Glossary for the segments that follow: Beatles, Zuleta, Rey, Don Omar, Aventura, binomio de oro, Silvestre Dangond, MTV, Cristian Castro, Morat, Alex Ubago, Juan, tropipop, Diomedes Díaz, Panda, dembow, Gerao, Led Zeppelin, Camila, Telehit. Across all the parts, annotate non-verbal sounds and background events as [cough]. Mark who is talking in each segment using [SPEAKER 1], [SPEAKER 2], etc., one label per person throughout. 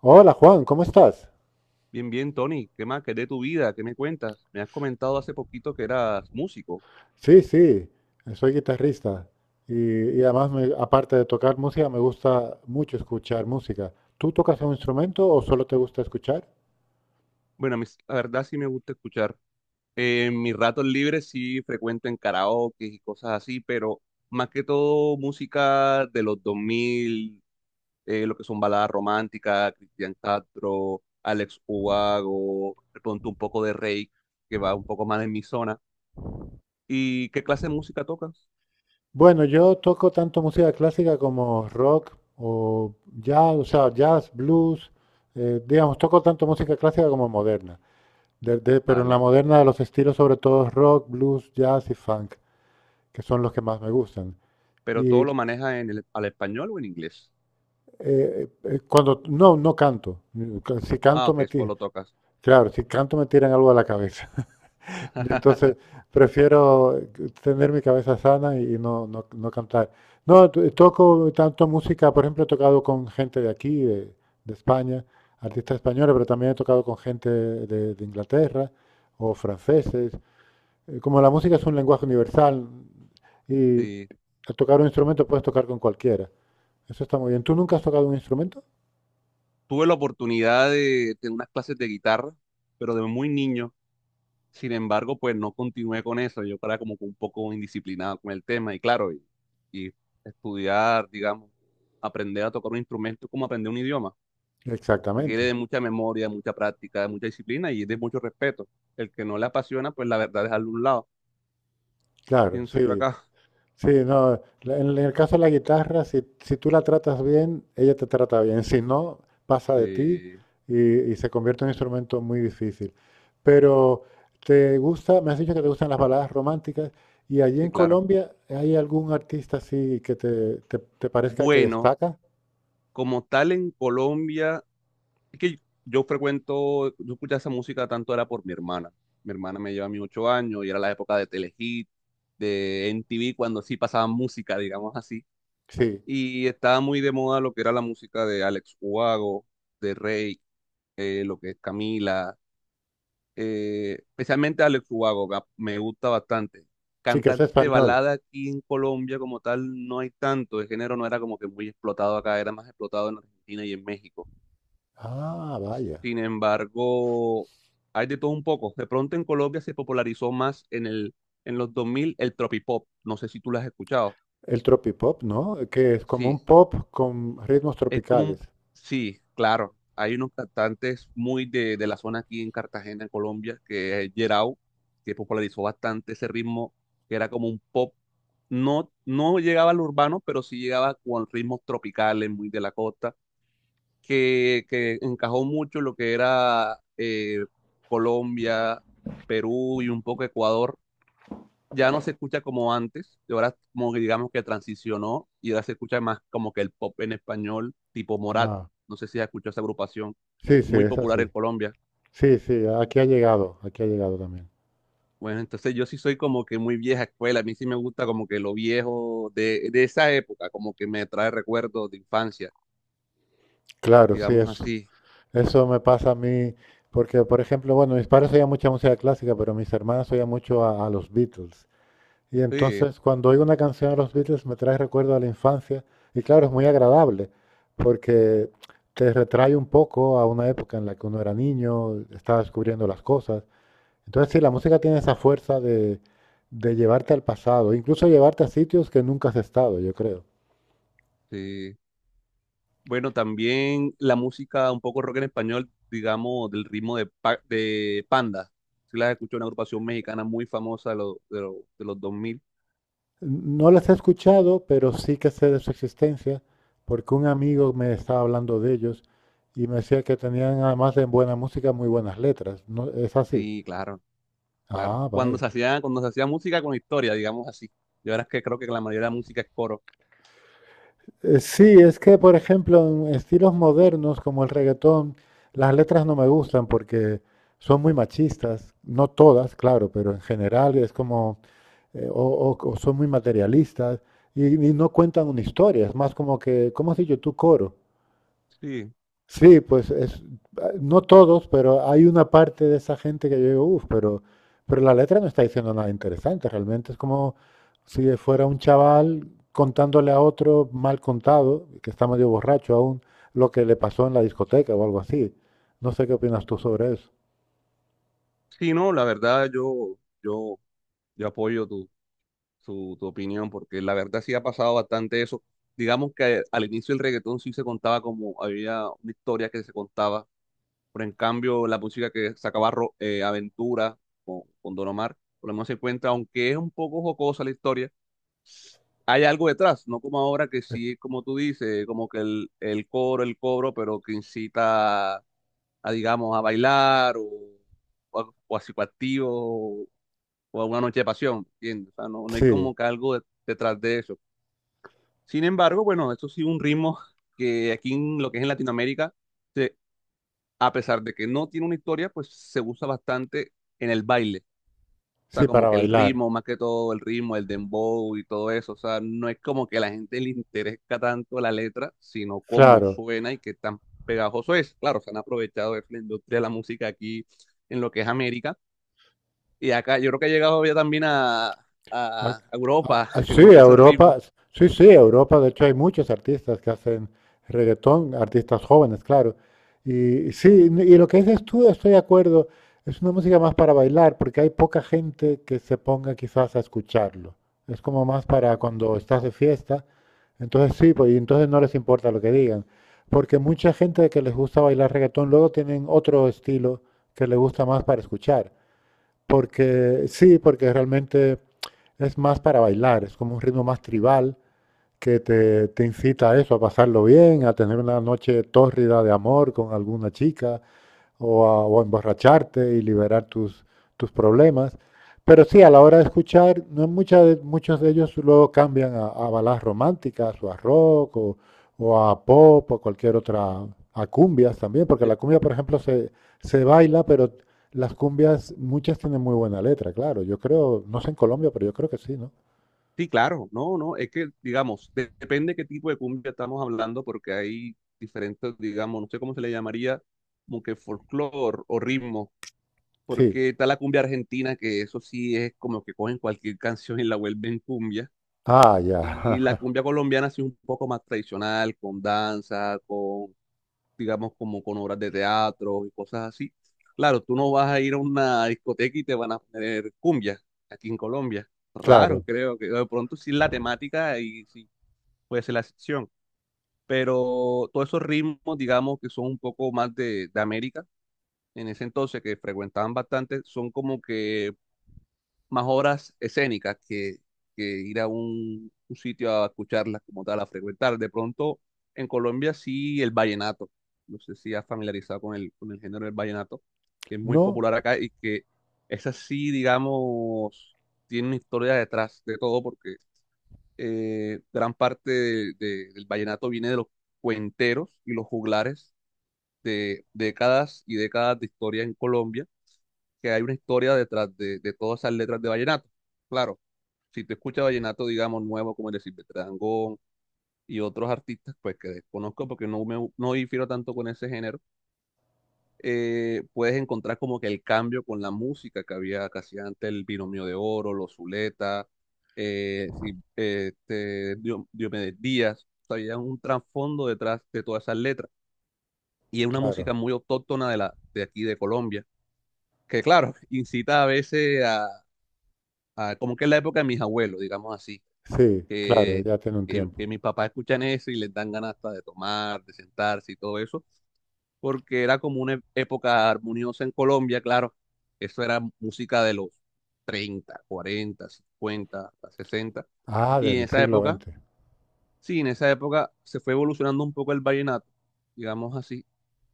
[SPEAKER 1] Hola Juan, ¿cómo estás?
[SPEAKER 2] Bien, bien, Tony. ¿Qué más? ¿Qué es de tu vida? ¿Qué me cuentas? Me has comentado hace poquito que eras músico.
[SPEAKER 1] Sí, sí, soy guitarrista y además, aparte de tocar música, me gusta mucho escuchar música. ¿Tú tocas un instrumento o solo te gusta escuchar?
[SPEAKER 2] Bueno, a mí, la verdad sí me gusta escuchar. En mis ratos libres sí frecuento en karaoke y cosas así, pero más que todo música de los 2000, lo que son baladas románticas, Cristian Castro, Alex Ubago, de pronto un poco de Rey, que va un poco más en mi zona. ¿Y qué clase de música tocas?
[SPEAKER 1] Bueno, yo toco tanto música clásica como rock o jazz, o sea, jazz, blues, digamos, toco tanto música clásica como moderna. Pero en la
[SPEAKER 2] Vale.
[SPEAKER 1] moderna los estilos sobre todo rock, blues, jazz y funk, que son los que más me gustan.
[SPEAKER 2] ¿Pero
[SPEAKER 1] Y
[SPEAKER 2] todo lo manejas al español o en inglés?
[SPEAKER 1] cuando no, no canto. Si
[SPEAKER 2] Ah,
[SPEAKER 1] canto
[SPEAKER 2] ok,
[SPEAKER 1] me tiran,
[SPEAKER 2] solo tocas.
[SPEAKER 1] claro, si canto me tiran algo a la cabeza. [laughs]
[SPEAKER 2] [laughs]
[SPEAKER 1] Entonces prefiero tener mi cabeza sana y no cantar. No, toco tanto música, por ejemplo, he tocado con gente de aquí, de España, artistas españoles, pero también he tocado con gente de Inglaterra o franceses. Como la música es un lenguaje universal y
[SPEAKER 2] Sí.
[SPEAKER 1] al tocar un instrumento puedes tocar con cualquiera. Eso está muy bien. ¿Tú nunca has tocado un instrumento?
[SPEAKER 2] Tuve la oportunidad de tener unas clases de guitarra, pero de muy niño. Sin embargo, pues no continué con eso. Yo era como que un poco indisciplinado con el tema y claro, y estudiar, digamos, aprender a tocar un instrumento es como aprender un idioma. Requiere
[SPEAKER 1] Exactamente.
[SPEAKER 2] de mucha memoria, de mucha práctica, de mucha disciplina y de mucho respeto. El que no le apasiona, pues la verdad es a un lado.
[SPEAKER 1] Claro,
[SPEAKER 2] Pienso yo
[SPEAKER 1] sí,
[SPEAKER 2] acá.
[SPEAKER 1] sí, no. En el caso de la guitarra, si, si tú la tratas bien, ella te trata bien. Si no, pasa de ti
[SPEAKER 2] Sí,
[SPEAKER 1] y se convierte en un instrumento muy difícil. Pero te gusta, me has dicho que te gustan las baladas románticas. ¿Y allí en
[SPEAKER 2] sí, claro.
[SPEAKER 1] Colombia hay algún artista así que te parezca que
[SPEAKER 2] Bueno,
[SPEAKER 1] destaca?
[SPEAKER 2] como tal en Colombia... Es que yo escuchaba esa música tanto era por mi hermana. Mi hermana me lleva a mí 8 años y era la época de Telehit, de MTV, cuando sí pasaban música, digamos así.
[SPEAKER 1] Sí,
[SPEAKER 2] Y estaba muy de moda lo que era la música de Alex Ubago, de Rey, lo que es Camila, especialmente Alex Ubago, me gusta bastante.
[SPEAKER 1] sí, que es
[SPEAKER 2] Cantantes de
[SPEAKER 1] español.
[SPEAKER 2] balada aquí en Colombia como tal no hay tanto, el género no era como que muy explotado acá, era más explotado en Argentina y en México.
[SPEAKER 1] Ah, vaya.
[SPEAKER 2] Sin embargo, hay de todo un poco. De pronto en Colombia se popularizó más en los 2000 el tropipop. ¿No sé si tú lo has escuchado?
[SPEAKER 1] El tropipop, ¿no? Que es como un
[SPEAKER 2] Sí,
[SPEAKER 1] pop con ritmos
[SPEAKER 2] es como
[SPEAKER 1] tropicales.
[SPEAKER 2] un... Sí, claro. Hay unos cantantes muy de la zona aquí en Cartagena, en Colombia, que es Gerao, que popularizó bastante ese ritmo, que era como un pop. No, no llegaba al urbano, pero sí llegaba con ritmos tropicales, muy de la costa, que encajó mucho lo que era Colombia, Perú y un poco Ecuador. Ya no se escucha como antes, y ahora como que digamos que transicionó y ahora se escucha más como que el pop en español tipo Morat.
[SPEAKER 1] Ah,
[SPEAKER 2] No sé si has escuchado esa agrupación,
[SPEAKER 1] sí, sí,
[SPEAKER 2] muy
[SPEAKER 1] es
[SPEAKER 2] popular en
[SPEAKER 1] así.
[SPEAKER 2] Colombia.
[SPEAKER 1] Sí, sí, aquí ha llegado también.
[SPEAKER 2] Bueno, entonces yo sí soy como que muy vieja escuela, a mí sí me gusta como que lo viejo de esa época, como que me trae recuerdos de infancia,
[SPEAKER 1] Claro, sí,
[SPEAKER 2] digamos
[SPEAKER 1] es,
[SPEAKER 2] así.
[SPEAKER 1] eso me pasa a mí, porque por ejemplo, bueno, mis padres oían mucha música clásica, pero mis hermanas oían mucho a los Beatles. Y
[SPEAKER 2] Sí,
[SPEAKER 1] entonces cuando oigo una canción de los Beatles me trae recuerdo a la infancia y claro, es muy agradable, porque te retrae un poco a una época en la que uno era niño, estaba descubriendo las cosas. Entonces sí, la música tiene esa fuerza de llevarte al pasado, incluso llevarte a sitios que nunca has estado, yo creo.
[SPEAKER 2] sí. Bueno, también la música un poco rock en español, digamos, del ritmo de Panda. ¿Si las escucho, una agrupación mexicana muy famosa los de los 2000?
[SPEAKER 1] No las he escuchado, pero sí que sé de su existencia, porque un amigo me estaba hablando de ellos y me decía que tenían, además de buena música, muy buenas letras. ¿No, ¿es así?
[SPEAKER 2] Sí, claro, claro.
[SPEAKER 1] Ah,
[SPEAKER 2] Cuando
[SPEAKER 1] vaya.
[SPEAKER 2] se hacía, cuando se hacía música con historia, digamos así. Y ahora es que creo que la mayoría de la música es coro.
[SPEAKER 1] Sí, es que, por ejemplo, en estilos modernos como el reggaetón, las letras no me gustan porque son muy machistas, no todas, claro, pero en general es como, eh, o, o son muy materialistas y no cuentan una historia, es más como que, ¿cómo has dicho tú, coro?
[SPEAKER 2] Sí,
[SPEAKER 1] Sí, pues es, ah, no todos, pero hay una parte de esa gente que yo digo, uff, pero la letra no está diciendo nada interesante, realmente es como si fuera un chaval contándole a otro mal contado, que está medio borracho aún, lo que le pasó en la discoteca o algo así. No sé qué opinas tú sobre eso.
[SPEAKER 2] sí, no, la verdad yo, yo apoyo tu opinión porque la verdad sí ha pasado bastante eso. Digamos que al inicio el reggaetón sí se contaba como había una historia que se contaba. Pero en cambio, la música que sacaba Aventura con Don Omar, por lo menos se encuentra, aunque es un poco jocosa la historia, hay algo detrás, no como ahora que
[SPEAKER 1] Eh,
[SPEAKER 2] sí, como tú dices, como que el coro, el cobro, pero que incita a, digamos, a bailar o a psicoactivo o a una noche de pasión, ¿entiendes? O sea, no, no hay
[SPEAKER 1] Sí,
[SPEAKER 2] como que algo detrás de eso. Sin embargo, bueno, eso sí un ritmo que aquí en lo que es en Latinoamérica, se- a pesar de que no tiene una historia, pues se usa bastante en el baile. O sea,
[SPEAKER 1] sí,
[SPEAKER 2] como
[SPEAKER 1] para
[SPEAKER 2] que el
[SPEAKER 1] bailar,
[SPEAKER 2] ritmo, más que todo el ritmo, el dembow y todo eso. O sea, no es como que a la gente le interesa tanto la letra, sino cómo
[SPEAKER 1] claro.
[SPEAKER 2] suena y qué tan pegajoso es. Claro, se han aprovechado de la industria de la música aquí en lo que es América. Y acá yo creo que ha llegado ya también a,
[SPEAKER 1] Ah,
[SPEAKER 2] a Europa, [laughs] que
[SPEAKER 1] sí,
[SPEAKER 2] como que esos ritmos.
[SPEAKER 1] Europa, sí, sí, Europa, de hecho hay muchos artistas que hacen reggaetón, artistas jóvenes, claro. Y sí, y lo que dices tú, estoy de acuerdo, es una música más para bailar, porque hay poca gente que se ponga quizás a escucharlo. Es como más para cuando estás de fiesta, entonces sí, pues y entonces no les importa lo que digan, porque mucha gente que les gusta bailar reggaetón luego tienen otro estilo que les gusta más para escuchar. Porque sí, porque realmente es más para bailar, es como un ritmo más tribal que te incita a eso, a pasarlo bien, a tener una noche tórrida de amor con alguna chica o a emborracharte y liberar tus, tus problemas. Pero sí, a la hora de escuchar, no muchas muchos de ellos luego cambian a baladas románticas o a rock o a pop o cualquier otra, a cumbias también, porque la cumbia, por ejemplo, se baila, pero las cumbias, muchas tienen muy buena letra, claro. Yo creo, no sé en Colombia, pero yo creo que sí, ¿no?
[SPEAKER 2] Sí, claro, no, no, es que, digamos, depende qué tipo de cumbia estamos hablando, porque hay diferentes, digamos, no sé cómo se le llamaría, como que folclore o ritmo,
[SPEAKER 1] Sí.
[SPEAKER 2] porque está la cumbia argentina, que eso sí es como que cogen cualquier [laughs] canción y la vuelven cumbia,
[SPEAKER 1] Ah, ya.
[SPEAKER 2] y la
[SPEAKER 1] [laughs]
[SPEAKER 2] cumbia colombiana sí es un poco más tradicional, con danza, con, digamos, como con obras de teatro y cosas así. Claro, tú no vas a ir a una discoteca y te van a poner cumbia aquí en Colombia. Raro,
[SPEAKER 1] Claro.
[SPEAKER 2] creo que de pronto sí es la temática y sí puede ser la excepción. Pero todos esos ritmos, digamos, que son un poco más de América, en ese entonces que frecuentaban bastante, son como que más obras escénicas que ir a un sitio a escucharlas como tal, a frecuentar. De pronto, en Colombia sí el vallenato. No sé si has familiarizado con el género del vallenato, que es muy
[SPEAKER 1] No,
[SPEAKER 2] popular acá y que esa sí, digamos, tiene una historia detrás de todo porque gran parte del vallenato viene de los cuenteros y los juglares de décadas y décadas de historia en Colombia, que hay una historia detrás de todas esas letras de vallenato. Claro, si tú escuchas vallenato, digamos, nuevo como el de Silvestre Dangond y otros artistas, pues que desconozco porque no difiero tanto con ese género, puedes encontrar como que el cambio con la música que había casi antes, el binomio de oro, los Zuleta, este, Diomedes Díaz, o sea, había un trasfondo detrás de todas esas letras. Y es una
[SPEAKER 1] claro.
[SPEAKER 2] música muy autóctona de aquí, de Colombia, que claro, [laughs] incita a veces a, como que es la época de mis abuelos, digamos así,
[SPEAKER 1] Sí, claro,
[SPEAKER 2] que,
[SPEAKER 1] ya tiene un
[SPEAKER 2] que
[SPEAKER 1] tiempo.
[SPEAKER 2] mis papás escuchan eso y les dan ganas hasta de tomar, de sentarse y todo eso, porque era como una época armoniosa en Colombia, claro, eso era música de los 30 40 50 hasta 60,
[SPEAKER 1] Ah,
[SPEAKER 2] y en
[SPEAKER 1] del
[SPEAKER 2] esa
[SPEAKER 1] siglo
[SPEAKER 2] época,
[SPEAKER 1] XX.
[SPEAKER 2] sí, en esa época se fue evolucionando un poco el vallenato, digamos así,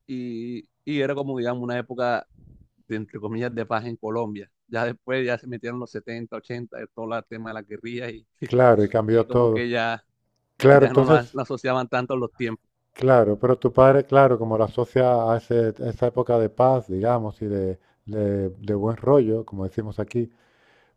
[SPEAKER 2] y era como, digamos, una época de, entre comillas, de paz en Colombia. Ya después ya se metieron los 70 80 de todo el tema de las guerrillas y, [laughs]
[SPEAKER 1] Claro, y
[SPEAKER 2] y
[SPEAKER 1] cambió
[SPEAKER 2] como
[SPEAKER 1] todo.
[SPEAKER 2] que ya
[SPEAKER 1] Claro,
[SPEAKER 2] ya no lo, as-
[SPEAKER 1] entonces,
[SPEAKER 2] lo asociaban tanto a los tiempos.
[SPEAKER 1] claro, pero tu padre, claro, como lo asocia a, a esa época de paz, digamos, y de, de buen rollo, como decimos aquí,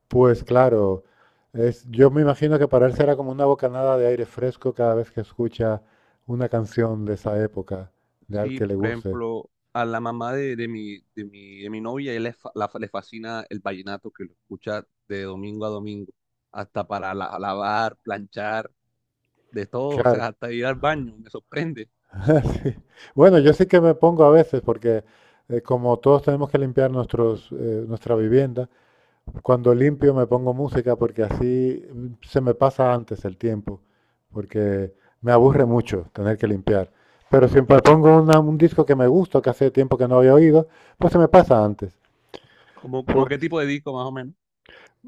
[SPEAKER 1] pues claro, es, yo me imagino que para él será como una bocanada de aire fresco cada vez que escucha una canción de esa época, de al
[SPEAKER 2] Sí,
[SPEAKER 1] que le
[SPEAKER 2] por
[SPEAKER 1] guste.
[SPEAKER 2] ejemplo, a la mamá de mi novia, él le, fa- la- le fascina el vallenato que lo escucha de domingo a domingo, hasta para lavar, planchar, de todo, o
[SPEAKER 1] Claro.
[SPEAKER 2] sea, hasta ir al baño, me sorprende.
[SPEAKER 1] [laughs] Sí. Bueno, yo sí que me pongo a veces, porque como todos tenemos que limpiar nuestros, nuestra vivienda. Cuando limpio me pongo música porque así se me pasa antes el tiempo, porque me aburre mucho tener que limpiar. Pero si me pongo un disco que me gusta, que hace tiempo que no había oído, pues se me pasa antes.
[SPEAKER 2] Como
[SPEAKER 1] Pues,
[SPEAKER 2] qué tipo de disco más o menos?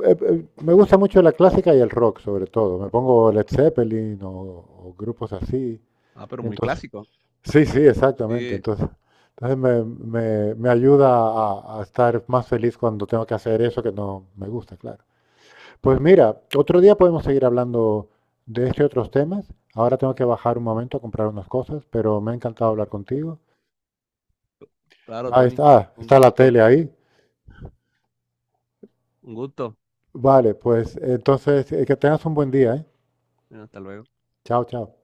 [SPEAKER 1] me gusta mucho la clásica y el rock, sobre todo. Me pongo Led Zeppelin o grupos así.
[SPEAKER 2] Ah, pero
[SPEAKER 1] Y
[SPEAKER 2] muy
[SPEAKER 1] entonces,
[SPEAKER 2] clásico.
[SPEAKER 1] sí, sí, exactamente.
[SPEAKER 2] Sí,
[SPEAKER 1] Entonces, entonces me, me ayuda a estar más feliz cuando tengo que hacer eso que no me gusta, claro. Pues mira, otro día podemos seguir hablando de este y otros temas. Ahora tengo que bajar un momento a comprar unas cosas, pero me ha encantado hablar contigo.
[SPEAKER 2] claro, Tony.
[SPEAKER 1] Ah,
[SPEAKER 2] Un
[SPEAKER 1] está la
[SPEAKER 2] gusto,
[SPEAKER 1] tele ahí.
[SPEAKER 2] un gusto.
[SPEAKER 1] Vale, pues entonces que tengas un buen día, ¿eh?
[SPEAKER 2] Bueno, hasta luego.
[SPEAKER 1] Chao, chao.